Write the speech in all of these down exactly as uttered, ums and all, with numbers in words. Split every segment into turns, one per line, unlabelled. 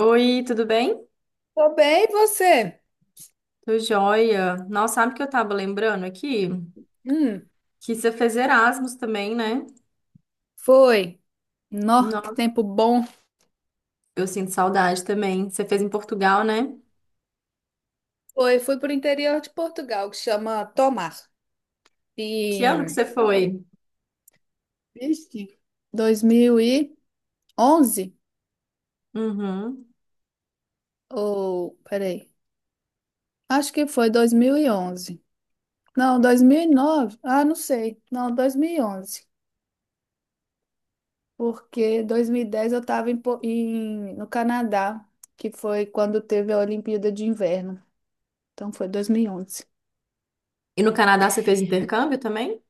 Oi, tudo bem?
Tô bem, e você?
Tô joia. Nossa, sabe o que eu tava lembrando aqui?
Hum,
Que você fez Erasmus também, né?
Foi. Nó, que
Nossa,
tempo bom.
eu sinto saudade também. Você fez em Portugal, né?
Foi, fui pro interior de Portugal, que chama Tomar.
Que ano que
E
você foi?
Triste. dois mil e onze?
Uhum.
Ou, peraí. Acho que foi dois mil e onze. Não, dois mil e nove. Ah, não sei. Não, dois mil e onze. Porque dois mil e dez eu estava em, Po- em- no Canadá, que foi quando teve a Olimpíada de Inverno. Então foi dois mil e onze.
E no Canadá você fez intercâmbio também?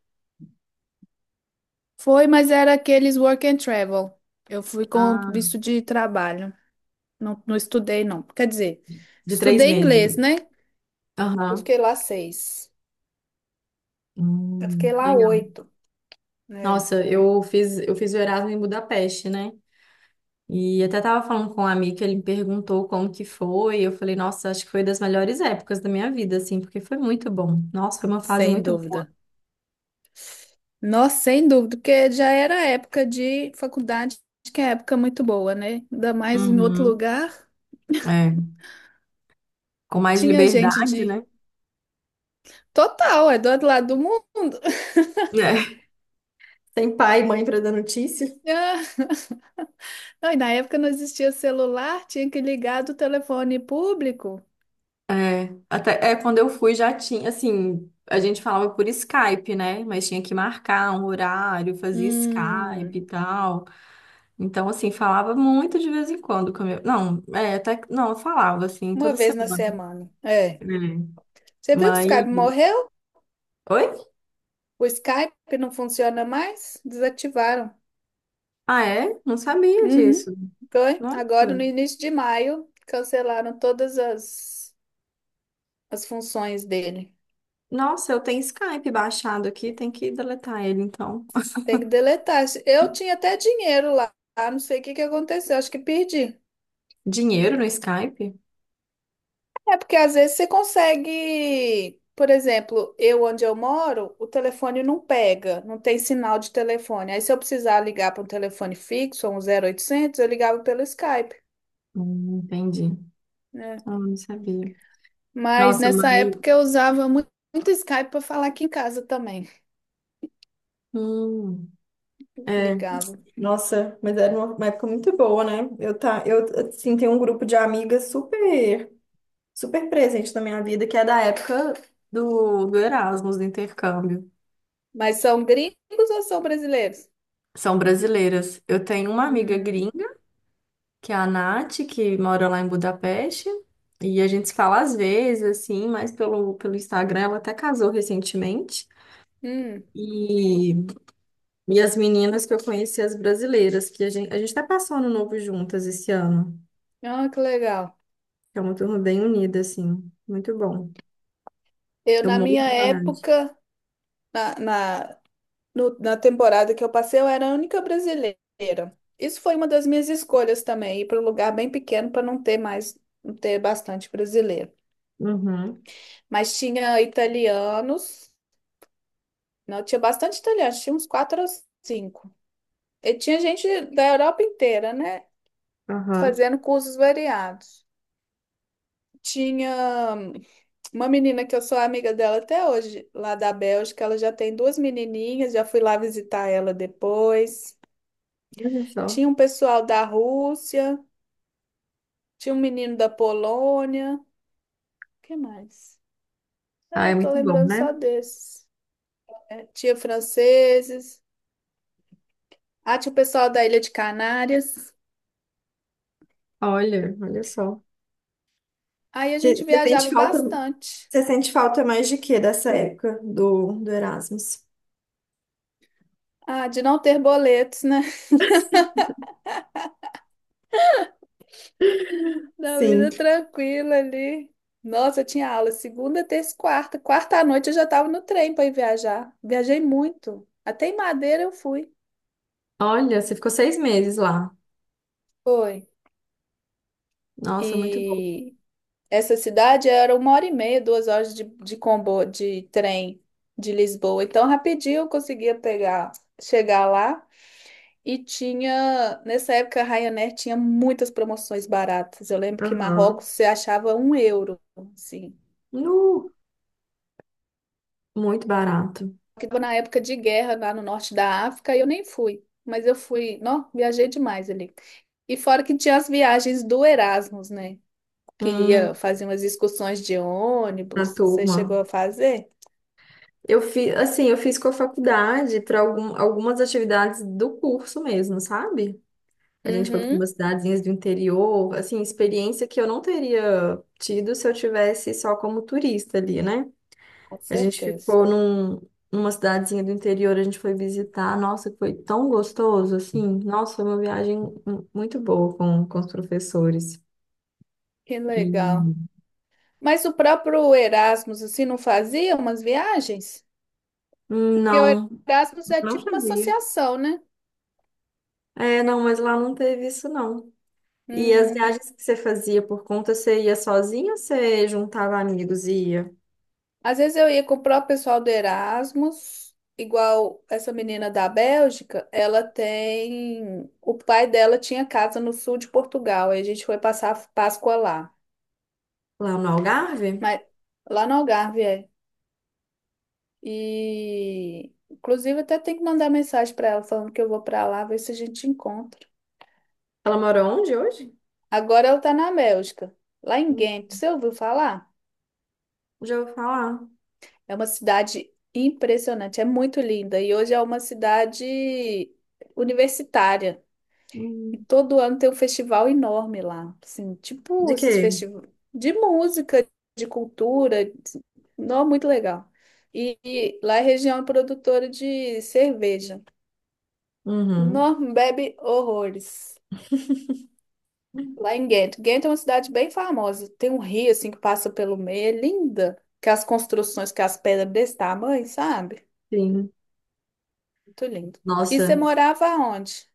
Foi, mas era aqueles work and travel. Eu fui com
Ah,
visto de trabalho. Não, não estudei, não. Quer dizer,
de três
estudei
meses.
inglês, né? Eu
Aham.
fiquei lá seis. Eu
Hum,
fiquei lá
legal.
oito, né?
Nossa, eu fiz, eu fiz o Erasmus em Budapeste, né? E até tava falando com um amigo, ele me perguntou como que foi. Eu falei, nossa, acho que foi das melhores épocas da minha vida, assim, porque foi muito bom. Nossa, foi uma fase
Sem
muito boa.
dúvida. Nossa, sem dúvida, porque já era época de faculdade, que é época muito boa, né? Ainda mais em outro
Uhum.
lugar.
É, com mais
Tinha gente
liberdade,
de.
né?
Total, é do outro lado do mundo.
É. Sem pai e mãe pra dar notícia.
Ah, Não, e na época não existia celular, tinha que ligar do telefone público.
É, até é, quando eu fui já tinha, assim, a gente falava por Skype, né? Mas tinha que marcar um horário, fazia
Hum.
Skype e tal. Então, assim, falava muito de vez em quando com a minha- Não, é, até que- não, eu falava assim
Uma
toda
vez na
semana,
semana. É.
né?
Você viu que o
Mas
Skype morreu?
oi?
O Skype não funciona mais? Desativaram.
Ah, é? Não sabia
Uhum.
disso.
Foi. Agora, no
Nossa.
início de maio, cancelaram todas as, as funções dele.
Nossa, eu tenho Skype baixado aqui, tem que deletar ele então.
Tem que deletar. Eu tinha até dinheiro lá. Ah, não sei o que que aconteceu. Acho que perdi.
Dinheiro no Skype?
É porque às vezes você consegue, por exemplo, eu onde eu moro, o telefone não pega, não tem sinal de telefone. Aí se eu precisar ligar para um telefone fixo, um zero oitocentos, eu ligava pelo Skype,
Hum, entendi.
né?
Ah, não sabia.
Mas
Nossa,
nessa
mas.
época eu usava mu- muito, Skype para falar aqui em casa também.
Hum, é.
Ligava.
Nossa, mas era uma uma época muito boa, né? Eu, tá, eu assim, tenho um grupo de amigas super, super presente na minha vida, que é da época do, do Erasmus, do intercâmbio.
Mas são gringos ou são brasileiros?
São brasileiras. Eu tenho uma amiga
Hum,
gringa, que é a Nath, que mora lá em Budapeste. E a gente se fala às vezes, assim, mas pelo, pelo Instagram, ela até casou recentemente.
hum.
E, e as meninas que eu conheci, as brasileiras, que a gente, a gente tá passando novo juntas esse ano.
Ah, que legal.
É uma turma bem unida, assim. Muito bom.
Eu
Eu
na
morro
minha
de saudade.
época, na, na no- na temporada que eu passei, eu era a única brasileira. Isso foi uma das minhas escolhas também, ir para um lugar bem pequeno para não ter mais, não ter bastante brasileiro.
Uhum,
Mas tinha italianos, não, tinha bastante italianos, tinha uns quatro ou cinco. E tinha gente da Europa inteira, né?
aham.
Fazendo cursos variados. Tinha hum, uma menina que eu sou amiga dela até hoje, lá da Bélgica, ela já tem duas menininhas, já fui lá visitar ela depois.
Olha só.
Tinha um pessoal da Rússia. Tinha um menino da Polônia. Que mais?
Ah, é
É, tô
muito bom,
lembrando
né?
só desses. É, tinha franceses. Ah, tinha o pessoal da Ilha de Canárias.
Olha, olha só.
Aí a
Você
gente
você sente
viajava
falta,
bastante.
você sente falta mais de quê dessa época do, do Erasmus?
Ah, de não ter boletos, né? Da
Sim.
vida tranquila ali. Nossa, eu tinha aula segunda, terça e quarta. Quarta à noite eu já tava no trem para ir viajar. Viajei muito. Até em Madeira eu fui.
Olha, você ficou seis meses lá.
Foi.
Nossa, muito bom.
E essa cidade era uma hora e meia, duas horas de, de comboio, de trem de Lisboa. Então, rapidinho eu conseguia pegar, chegar lá. E tinha, nessa época, a Ryanair tinha muitas promoções baratas. Eu lembro que em
Aham.
Marrocos você achava um euro, assim.
Nu, muito barato.
Porque tava na época de guerra lá no norte da África e eu nem fui. Mas eu fui, não, viajei demais ali. E fora que tinha as viagens do Erasmus, né? Que
Hum,
ia fazer umas excursões de
a
ônibus. Você
turma.
chegou a fazer?
Eu fiz, assim, eu fiz com a faculdade para algumas atividades do curso mesmo, sabe? A gente foi para
Uhum.
umas cidadezinhas do interior, assim, experiência que eu não teria tido se eu tivesse só como turista ali, né?
Com
A gente
certeza.
ficou num, numa cidadezinha do interior, a gente foi visitar. Nossa, foi tão gostoso, assim. Nossa, foi uma viagem mu- muito boa com, com os professores.
Que legal.
E
Mas o próprio Erasmus, assim, não fazia umas viagens?
hum,
Porque o
não,
Erasmus é
não
tipo uma
fazia.
associação, né?
É, não, mas lá não teve isso, não. E as
Hum.
viagens que você fazia por conta, você ia sozinha ou você juntava amigos e ia
Às vezes eu ia com o próprio pessoal do Erasmus, igual essa menina da Bélgica, ela tem. O pai dela tinha casa no sul de Portugal, e a gente foi passar a Páscoa lá.
lá no Algarve?
Mas lá no Algarve, é. E. Inclusive, até tem que mandar mensagem para ela falando que eu vou para lá, ver se a gente encontra.
Ela mora onde hoje?
Agora ela está na Bélgica, lá em
Hum,
Ghent. Você ouviu falar?
Já ouvi falar.
É uma cidade impressionante, é muito linda e hoje é uma cidade universitária. E
Hum.
todo ano tem um festival enorme lá, assim, tipo
De
esses
quê?
festivais de música, de cultura, não muito legal. E, e lá é região produtora de cerveja.
Uhum,
Não bebe horrores. Lá em Ghent. Ghent é uma cidade bem famosa. Tem um rio assim que passa pelo meio, é linda. Que as construções, que as pedras desse tamanho, sabe?
sim.
Muito lindo. E você
Nossa,
morava onde?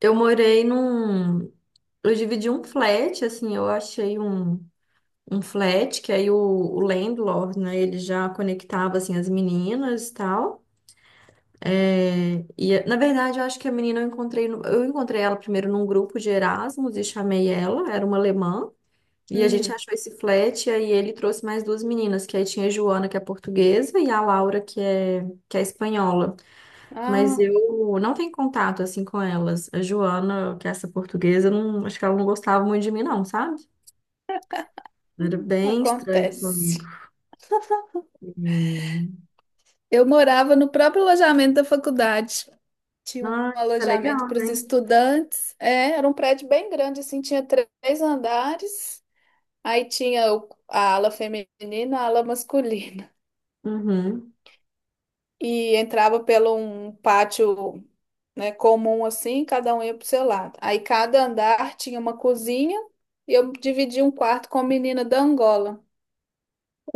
eu morei num, eu dividi um flat, assim, eu achei um, um flat, que aí o, o landlord, né, ele já conectava, assim, as meninas e tal. É, e, na verdade, eu acho que a menina eu encontrei, no- eu encontrei ela primeiro num grupo de Erasmus e chamei ela, era uma alemã. E a gente
Hum,
achou esse flat, e aí ele trouxe mais duas meninas, que aí tinha a Joana, que é portuguesa, e a Laura, que é, que é espanhola. Mas
ah,
eu não tenho contato, assim, com elas. A Joana, que é essa portuguesa, eu não, acho que ela não gostava muito de mim, não, sabe? Era bem estranho comigo.
Acontece.
E...
Eu morava no próprio alojamento da faculdade. Tinha um
Ah, isso é
alojamento
legal,
para os
né?
estudantes. É, era um prédio bem grande, assim, tinha três andares. Aí tinha o- a ala feminina, a ala masculina.
Uhum.
E entrava pelo um pátio né, comum assim, cada um ia pro seu lado. Aí cada andar tinha uma cozinha e eu dividi um quarto com a menina da Angola,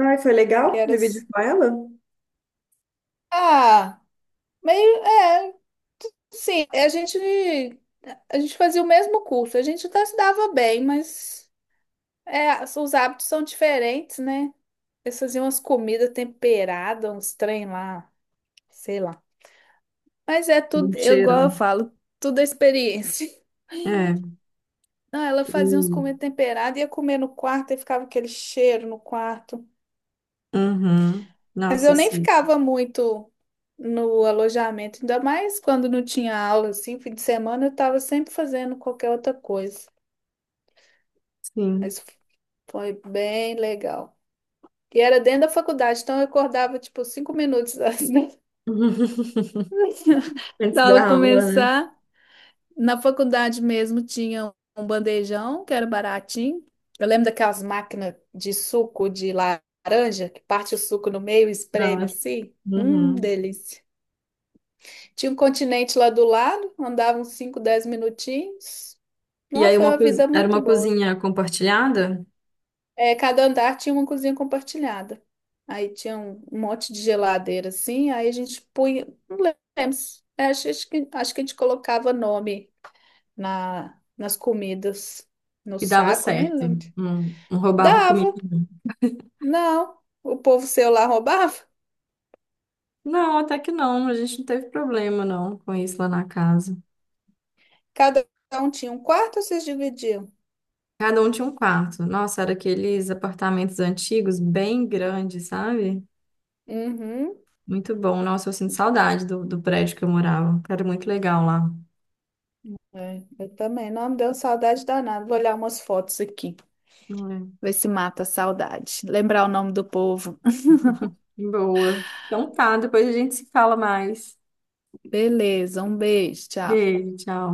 Ai, foi
que
legal
era s-
dividir com ela?
ah, meio é, assim, é, a gente a gente fazia o mesmo curso, a gente até se dava bem, mas é, as- os hábitos são diferentes, né? Eles faziam umas comidas temperadas, uns trem lá, sei lá. Mas é
Um
tudo, eu, igual eu
cheirão.
falo, tudo é experiência.
É.
Não, ela fazia uns
E-
comidas temperadas, ia comer no quarto e ficava aquele cheiro no quarto.
Uhum.
Mas
Nossa,
eu
eu
nem
sei.
ficava muito no alojamento, ainda mais quando não tinha aula, assim, fim de semana eu estava sempre fazendo qualquer outra coisa.
Sim.
Mas foi bem legal. E era dentro da faculdade, então eu acordava, tipo, cinco minutos antes da
Antes
da aula
da aula, né?
começar. Na faculdade mesmo tinha um bandejão, que era baratinho. Eu lembro daquelas máquinas de suco de laranja, que parte o suco no meio e
Da
espreme
hora.
assim. Hum,
Uhum.
delícia. Tinha um continente lá do lado, andava uns cinco, dez minutinhos.
E
Não,
aí
foi
uma
uma
cozi-
vida
era
muito
uma
boa.
cozinha compartilhada
É, cada andar tinha uma cozinha compartilhada. Aí tinha um um monte de geladeira assim, aí a gente punha, não lembro, se- é, acho, acho que, acho que a gente colocava nome na, nas comidas, no
e dava
saco, nem
certo.
lembro.
Não, não roubava
Dava,
comida.
não. O povo seu lá roubava.
Não, até que não. A gente não teve problema, não, com isso lá na casa.
Cada um tinha um quarto, ou vocês dividiam?
Cada um tinha um quarto. Nossa, era aqueles apartamentos antigos, bem grandes, sabe?
Uhum.
Muito bom. Nossa, eu sinto saudade do, do prédio que eu morava. Era muito legal lá.
É, eu também. Não, me deu saudade danada. Vou olhar umas fotos aqui.
É.
Ver se mata a saudade. Lembrar o nome do povo.
Boa. Então tá, depois a gente se fala mais.
Beleza, um beijo, tchau.
Beijo, tchau.